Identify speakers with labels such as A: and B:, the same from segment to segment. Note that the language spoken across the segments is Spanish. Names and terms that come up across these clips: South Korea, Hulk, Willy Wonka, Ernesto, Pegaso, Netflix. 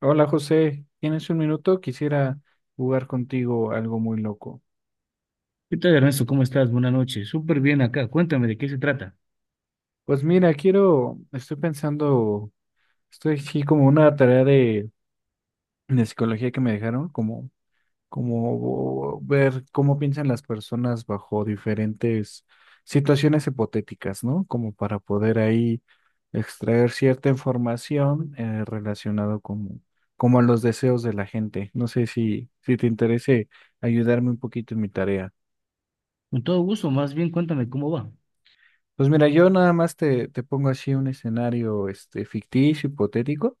A: Hola José, ¿tienes un minuto? Quisiera jugar contigo algo muy loco.
B: ¿Qué tal, Ernesto? ¿Cómo estás? Buenas noches. Súper bien acá. Cuéntame de qué se trata.
A: Pues mira, quiero, estoy pensando, estoy aquí como una tarea de psicología que me dejaron, como, como ver cómo piensan las personas bajo diferentes situaciones hipotéticas, ¿no? Como para poder ahí extraer cierta información relacionado como, como a los deseos de la gente. No sé si te interese ayudarme un poquito en mi tarea.
B: Con todo gusto, más bien cuéntame cómo va.
A: Pues mira, yo nada más te pongo así un escenario este, ficticio, hipotético,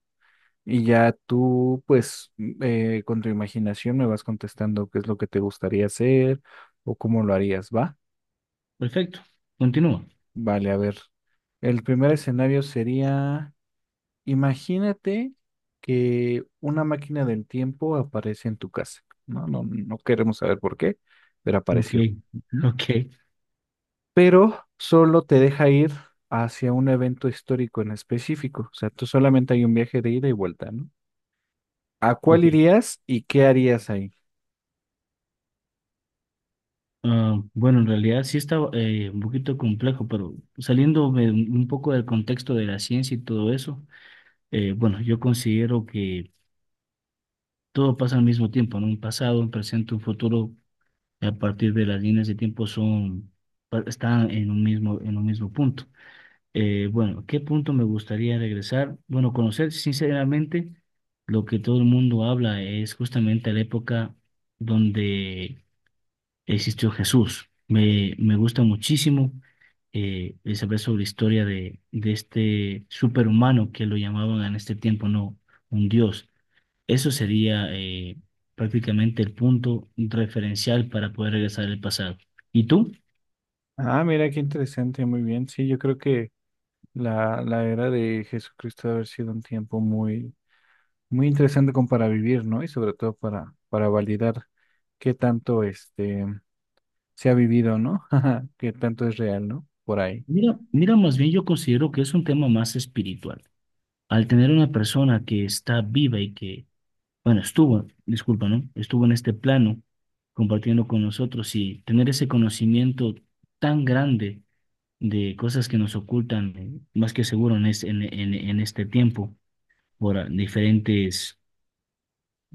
A: y ya tú, pues, con tu imaginación me vas contestando qué es lo que te gustaría hacer o cómo lo harías, ¿va?
B: Perfecto. Continúa.
A: Vale, a ver. El primer escenario sería, imagínate que una máquina del tiempo aparece en tu casa. No, no, queremos saber por qué, pero
B: Ok,
A: apareció.
B: ok,
A: Pero solo te deja ir hacia un evento histórico en específico. O sea, tú solamente hay un viaje de ida y vuelta, ¿no? ¿A cuál
B: ok.
A: irías y qué harías ahí?
B: Ah, bueno, en realidad sí está un poquito complejo, pero saliéndome un poco del contexto de la ciencia y todo eso, bueno, yo considero que todo pasa al mismo tiempo, ¿no? Un pasado, un presente, un futuro, a partir de las líneas de tiempo son, están en un mismo punto. Bueno, ¿qué punto me gustaría regresar? Bueno, conocer sinceramente lo que todo el mundo habla es justamente la época donde existió Jesús. Me gusta muchísimo el saber sobre la historia de este superhumano que lo llamaban en este tiempo, no, un dios. Eso sería prácticamente el punto referencial para poder regresar al pasado. ¿Y tú?
A: Ah, mira, qué interesante, muy bien. Sí, yo creo que la era de Jesucristo debe haber sido un tiempo muy, muy interesante como para vivir, ¿no? Y sobre todo para validar qué tanto este se ha vivido, ¿no? Qué tanto es real, ¿no? Por ahí.
B: Mira, mira, más bien yo considero que es un tema más espiritual. Al tener una persona que está viva y que, bueno, estuvo, disculpa, ¿no? Estuvo en este plano compartiendo con nosotros y tener ese conocimiento tan grande de cosas que nos ocultan, más que seguro en, es- en este tiempo, por diferentes,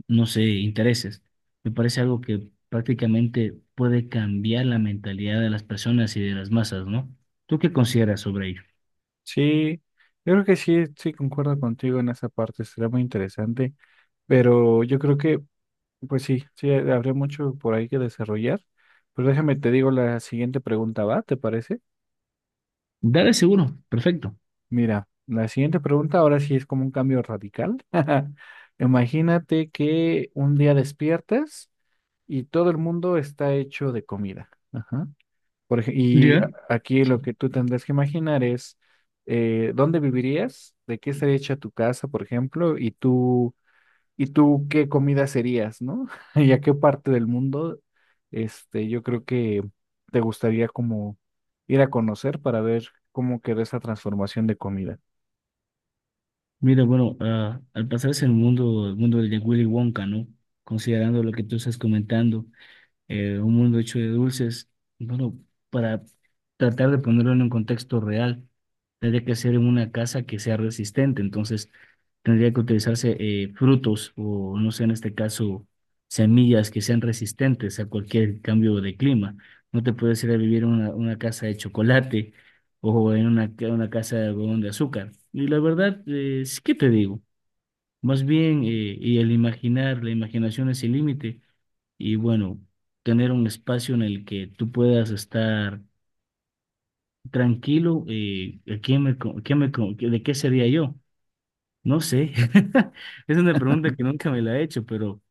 B: no sé, intereses. Me parece algo que prácticamente puede cambiar la mentalidad de las personas y de las masas, ¿no? ¿Tú qué consideras sobre ello?
A: Sí, yo creo que sí, sí concuerdo contigo en esa parte, será muy interesante. Pero yo creo que, pues sí, sí, habría mucho por ahí que desarrollar. Pero déjame, te digo la siguiente pregunta, ¿va? ¿Te parece?
B: Dale seguro, perfecto.
A: Mira, la siguiente pregunta ahora sí es como un cambio radical. Imagínate que un día despiertas y todo el mundo está hecho de comida. Ajá. Por ej- y a-
B: Ya.
A: Aquí lo que tú tendrás que imaginar es dónde vivirías, de qué estaría hecha tu casa, por ejemplo, y tú ¿y tú qué comida serías, no? ¿Y a qué parte del mundo, este, yo creo que te gustaría como ir a conocer para ver cómo quedó esa transformación de comida?
B: Mira, bueno, ah, al pasarse el mundo de Willy Wonka, ¿no? Considerando lo que tú estás comentando un mundo hecho de dulces. Bueno, para tratar de ponerlo en un contexto real, tendría que ser en una casa que sea resistente, entonces tendría que utilizarse frutos o, no sé, en este caso, semillas que sean resistentes a cualquier cambio de clima. No te puedes ir a vivir en una casa de chocolate o en una casa de algodón de azúcar. Y la verdad, sí que te digo, más bien, y el imaginar, la imaginación es el límite y bueno, tener un espacio en el que tú puedas estar tranquilo. ¿De qué sería yo? No sé. Es una pregunta que nunca me la he hecho, pero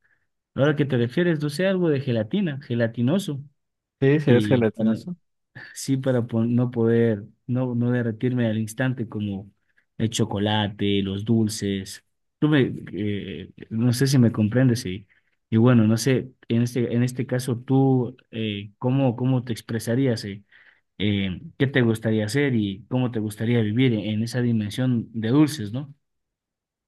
B: ahora que te refieres, no sé, algo de gelatina, gelatinoso.
A: Sí, serías
B: Y para,
A: gelatinoso.
B: sí, para no poder, no, no derretirme al instante como el chocolate, los dulces. No sé si me comprendes y bueno, no sé, en este caso tú, ¿cómo, cómo te expresarías, eh? ¿Qué te gustaría hacer y cómo te gustaría vivir en esa dimensión de dulces, ¿no?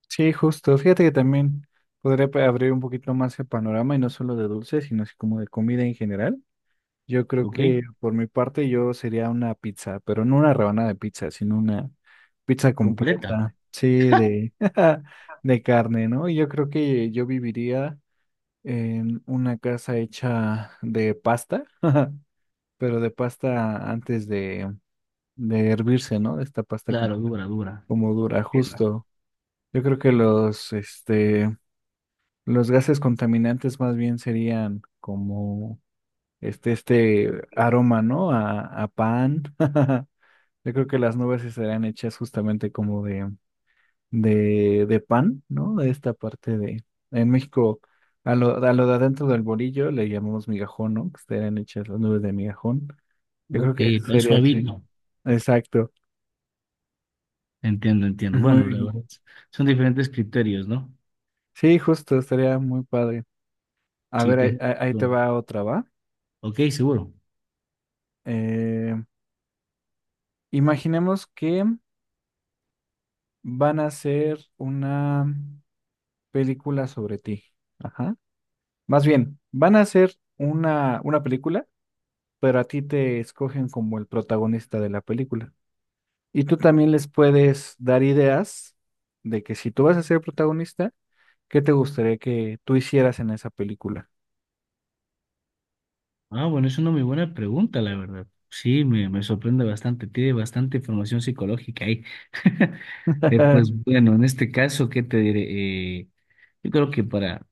A: Sí, justo. Fíjate que también abrir un poquito más el panorama y no solo de dulces, sino así como de comida en general. Yo creo
B: ¿Ok?
A: que por mi parte yo sería una pizza, pero no una rebanada de pizza, sino una pizza
B: Completa.
A: completa, sí, de, de carne, ¿no? Y yo creo que yo viviría en una casa hecha de pasta, pero de pasta antes de hervirse, ¿no? De esta
B: Claro, dura, dura.
A: como dura,
B: Entiendo.
A: justo. Yo creo que los, este, los gases contaminantes más bien serían como este aroma, ¿no? A pan. Yo creo que las nubes sí serán hechas justamente como de pan, ¿no? De esta parte de... En México, a lo de adentro del bolillo le llamamos migajón, ¿no? Que serán hechas las nubes de migajón. Yo creo
B: Ok,
A: que
B: con
A: sería así.
B: suavito.
A: Exacto.
B: Entiendo, entiendo.
A: Muy
B: Bueno, la
A: bien.
B: verdad, son diferentes criterios, ¿no?
A: Sí, justo, estaría muy padre. A
B: Sí,
A: ver,
B: tienes
A: ahí te
B: razón.
A: va otra, ¿va?
B: Ok, seguro.
A: Eh, Imaginemos que van a hacer una... película sobre ti. Ajá. Más bien, van a hacer una película, pero a ti te escogen como el protagonista de la película. Y tú también les puedes dar ideas de que si tú vas a ser protagonista, ¿qué te gustaría que tú hicieras en esa película?
B: Ah, bueno, es una muy buena pregunta, la verdad. Sí, me sorprende bastante. Tiene bastante información psicológica ahí. Pues bueno, en este caso, ¿qué te diré? Yo creo que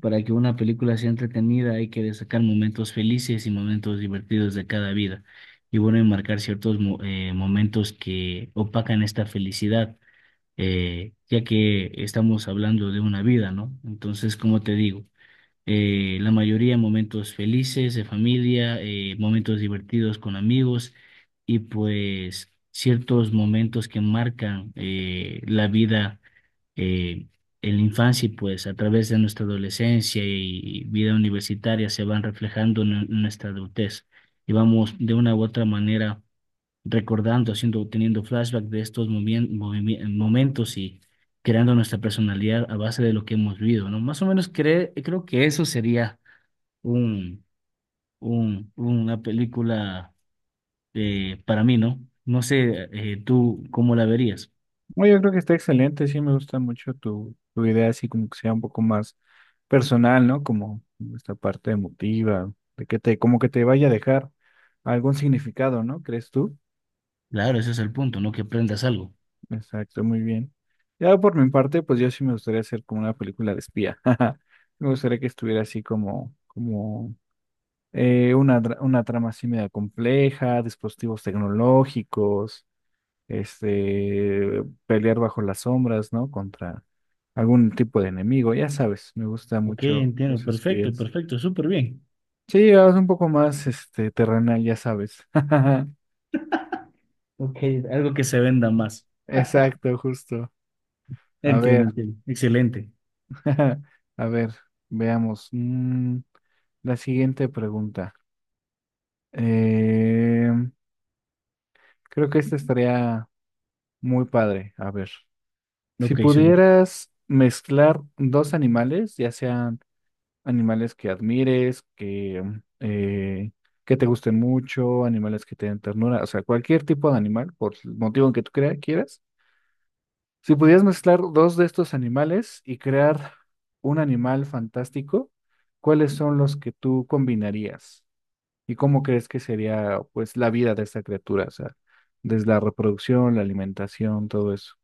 B: para que una película sea entretenida hay que destacar momentos felices y momentos divertidos de cada vida. Y bueno, enmarcar ciertos momentos que opacan esta felicidad, ya que estamos hablando de una vida, ¿no? Entonces, ¿como te digo? Eh, la mayoría momentos felices de familia, momentos divertidos con amigos y pues ciertos momentos que marcan la vida eh, en la infancia y pues a través de nuestra adolescencia y vida universitaria se van reflejando en nuestra adultez y vamos de una u otra manera recordando, haciendo, teniendo flashback de estos momentos y creando nuestra personalidad a base de lo que hemos vivido, ¿no? Más o menos creo que eso sería un, una película para mí, ¿no? No sé, tú cómo la verías.
A: Bueno, yo creo que está excelente, sí me gusta mucho tu idea, así como que sea un poco más personal, ¿no? Como esta parte emotiva, de que te, como que te vaya a dejar algún significado, ¿no? ¿Crees tú?
B: Claro, ese es el punto, ¿no? Que aprendas algo.
A: Exacto, muy bien. Ya por mi parte, pues yo sí me gustaría hacer como una película de espía. Me gustaría que estuviera así como, como una trama así media compleja, dispositivos tecnológicos, este, pelear bajo las sombras, ¿no? Contra algún tipo de enemigo. Ya sabes, me gusta
B: Ok,
A: mucho
B: entiendo,
A: los
B: perfecto,
A: espías.
B: perfecto, súper bien.
A: Sí, es un poco más este terrenal, ya sabes.
B: Ok, algo que se venda más.
A: Exacto, justo. A
B: Entiendo,
A: ver,
B: entiendo. Excelente.
A: a ver, veamos. La siguiente pregunta. Eh, Creo que esta estaría muy padre. A ver, si
B: Ok, seguro.
A: pudieras mezclar dos animales, ya sean animales que admires, eh, que te gusten mucho, animales que te den ternura, o sea, cualquier tipo de animal, por el motivo en que tú quieras. Si pudieras mezclar dos de estos animales y crear un animal fantástico, ¿cuáles son los que tú combinarías? ¿Y cómo crees que sería pues la vida de esta criatura? O sea, desde la reproducción, la alimentación, todo eso.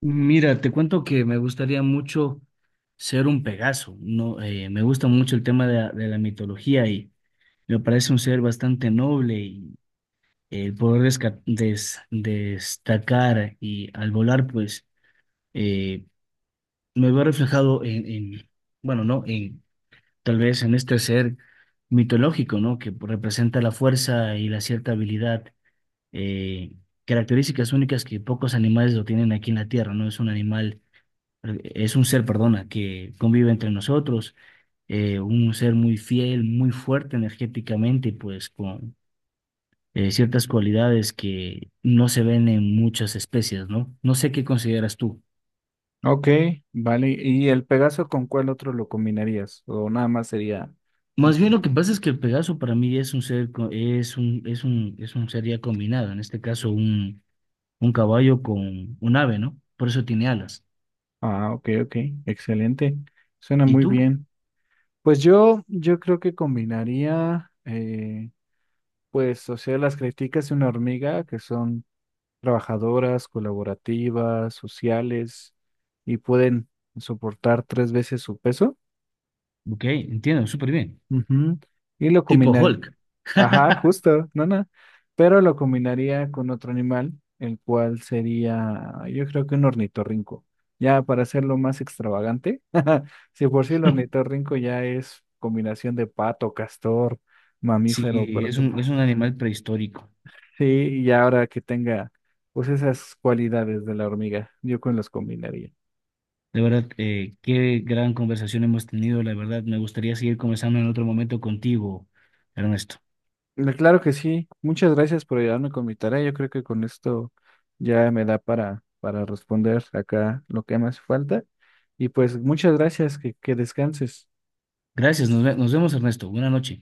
B: Mira, te cuento que me gustaría mucho ser un Pegaso, ¿no? Me gusta mucho el tema de de la mitología y me parece un ser bastante noble y el poder destacar y al volar, pues eh, me veo reflejado bueno, ¿no? En, tal vez en este ser mitológico, ¿no? Que representa la fuerza y la cierta habilidad, eh, características únicas que pocos animales lo tienen aquí en la Tierra, ¿no? Es un ser, perdona, que convive entre nosotros, un ser muy fiel, muy fuerte energéticamente, pues con ciertas cualidades que no se ven en muchas especies, ¿no? No sé qué consideras tú.
A: Ok, vale. ¿Y el Pegaso con cuál otro lo combinarías? ¿O nada más sería... un
B: Más bien
A: solo?
B: lo que pasa es que el Pegaso para mí es un ser, co- es un, es un, es un ser ya combinado, en este caso un caballo con un ave, ¿no? Por eso tiene alas.
A: Ah, ok, ok, excelente. Suena
B: ¿Y
A: muy
B: tú?
A: bien. Pues yo creo que combinaría, pues, o sea, las críticas de una hormiga, que son trabajadoras, colaborativas, sociales, y pueden soportar tres veces su peso.
B: Ok, entiendo, súper bien.
A: Ujú, y lo
B: Tipo
A: combinaría,
B: Hulk.
A: ajá, justo, no, no, pero lo combinaría con otro animal, el cual sería, yo creo que un ornitorrinco. Ya para hacerlo más extravagante, si por sí el ornitorrinco ya es combinación de pato, castor,
B: Sí,
A: mamífero,
B: es un animal prehistórico.
A: sí, y ahora que tenga pues esas cualidades de la hormiga, yo con los combinaría.
B: De verdad, qué gran conversación hemos tenido. La verdad, me gustaría seguir conversando en otro momento contigo, Ernesto.
A: Claro que sí. Muchas gracias por ayudarme con mi tarea. Yo creo que con esto ya me da para responder acá lo que me hace falta. Y pues muchas gracias, que descanses.
B: Gracias, nos vemos, Ernesto. Buenas noches.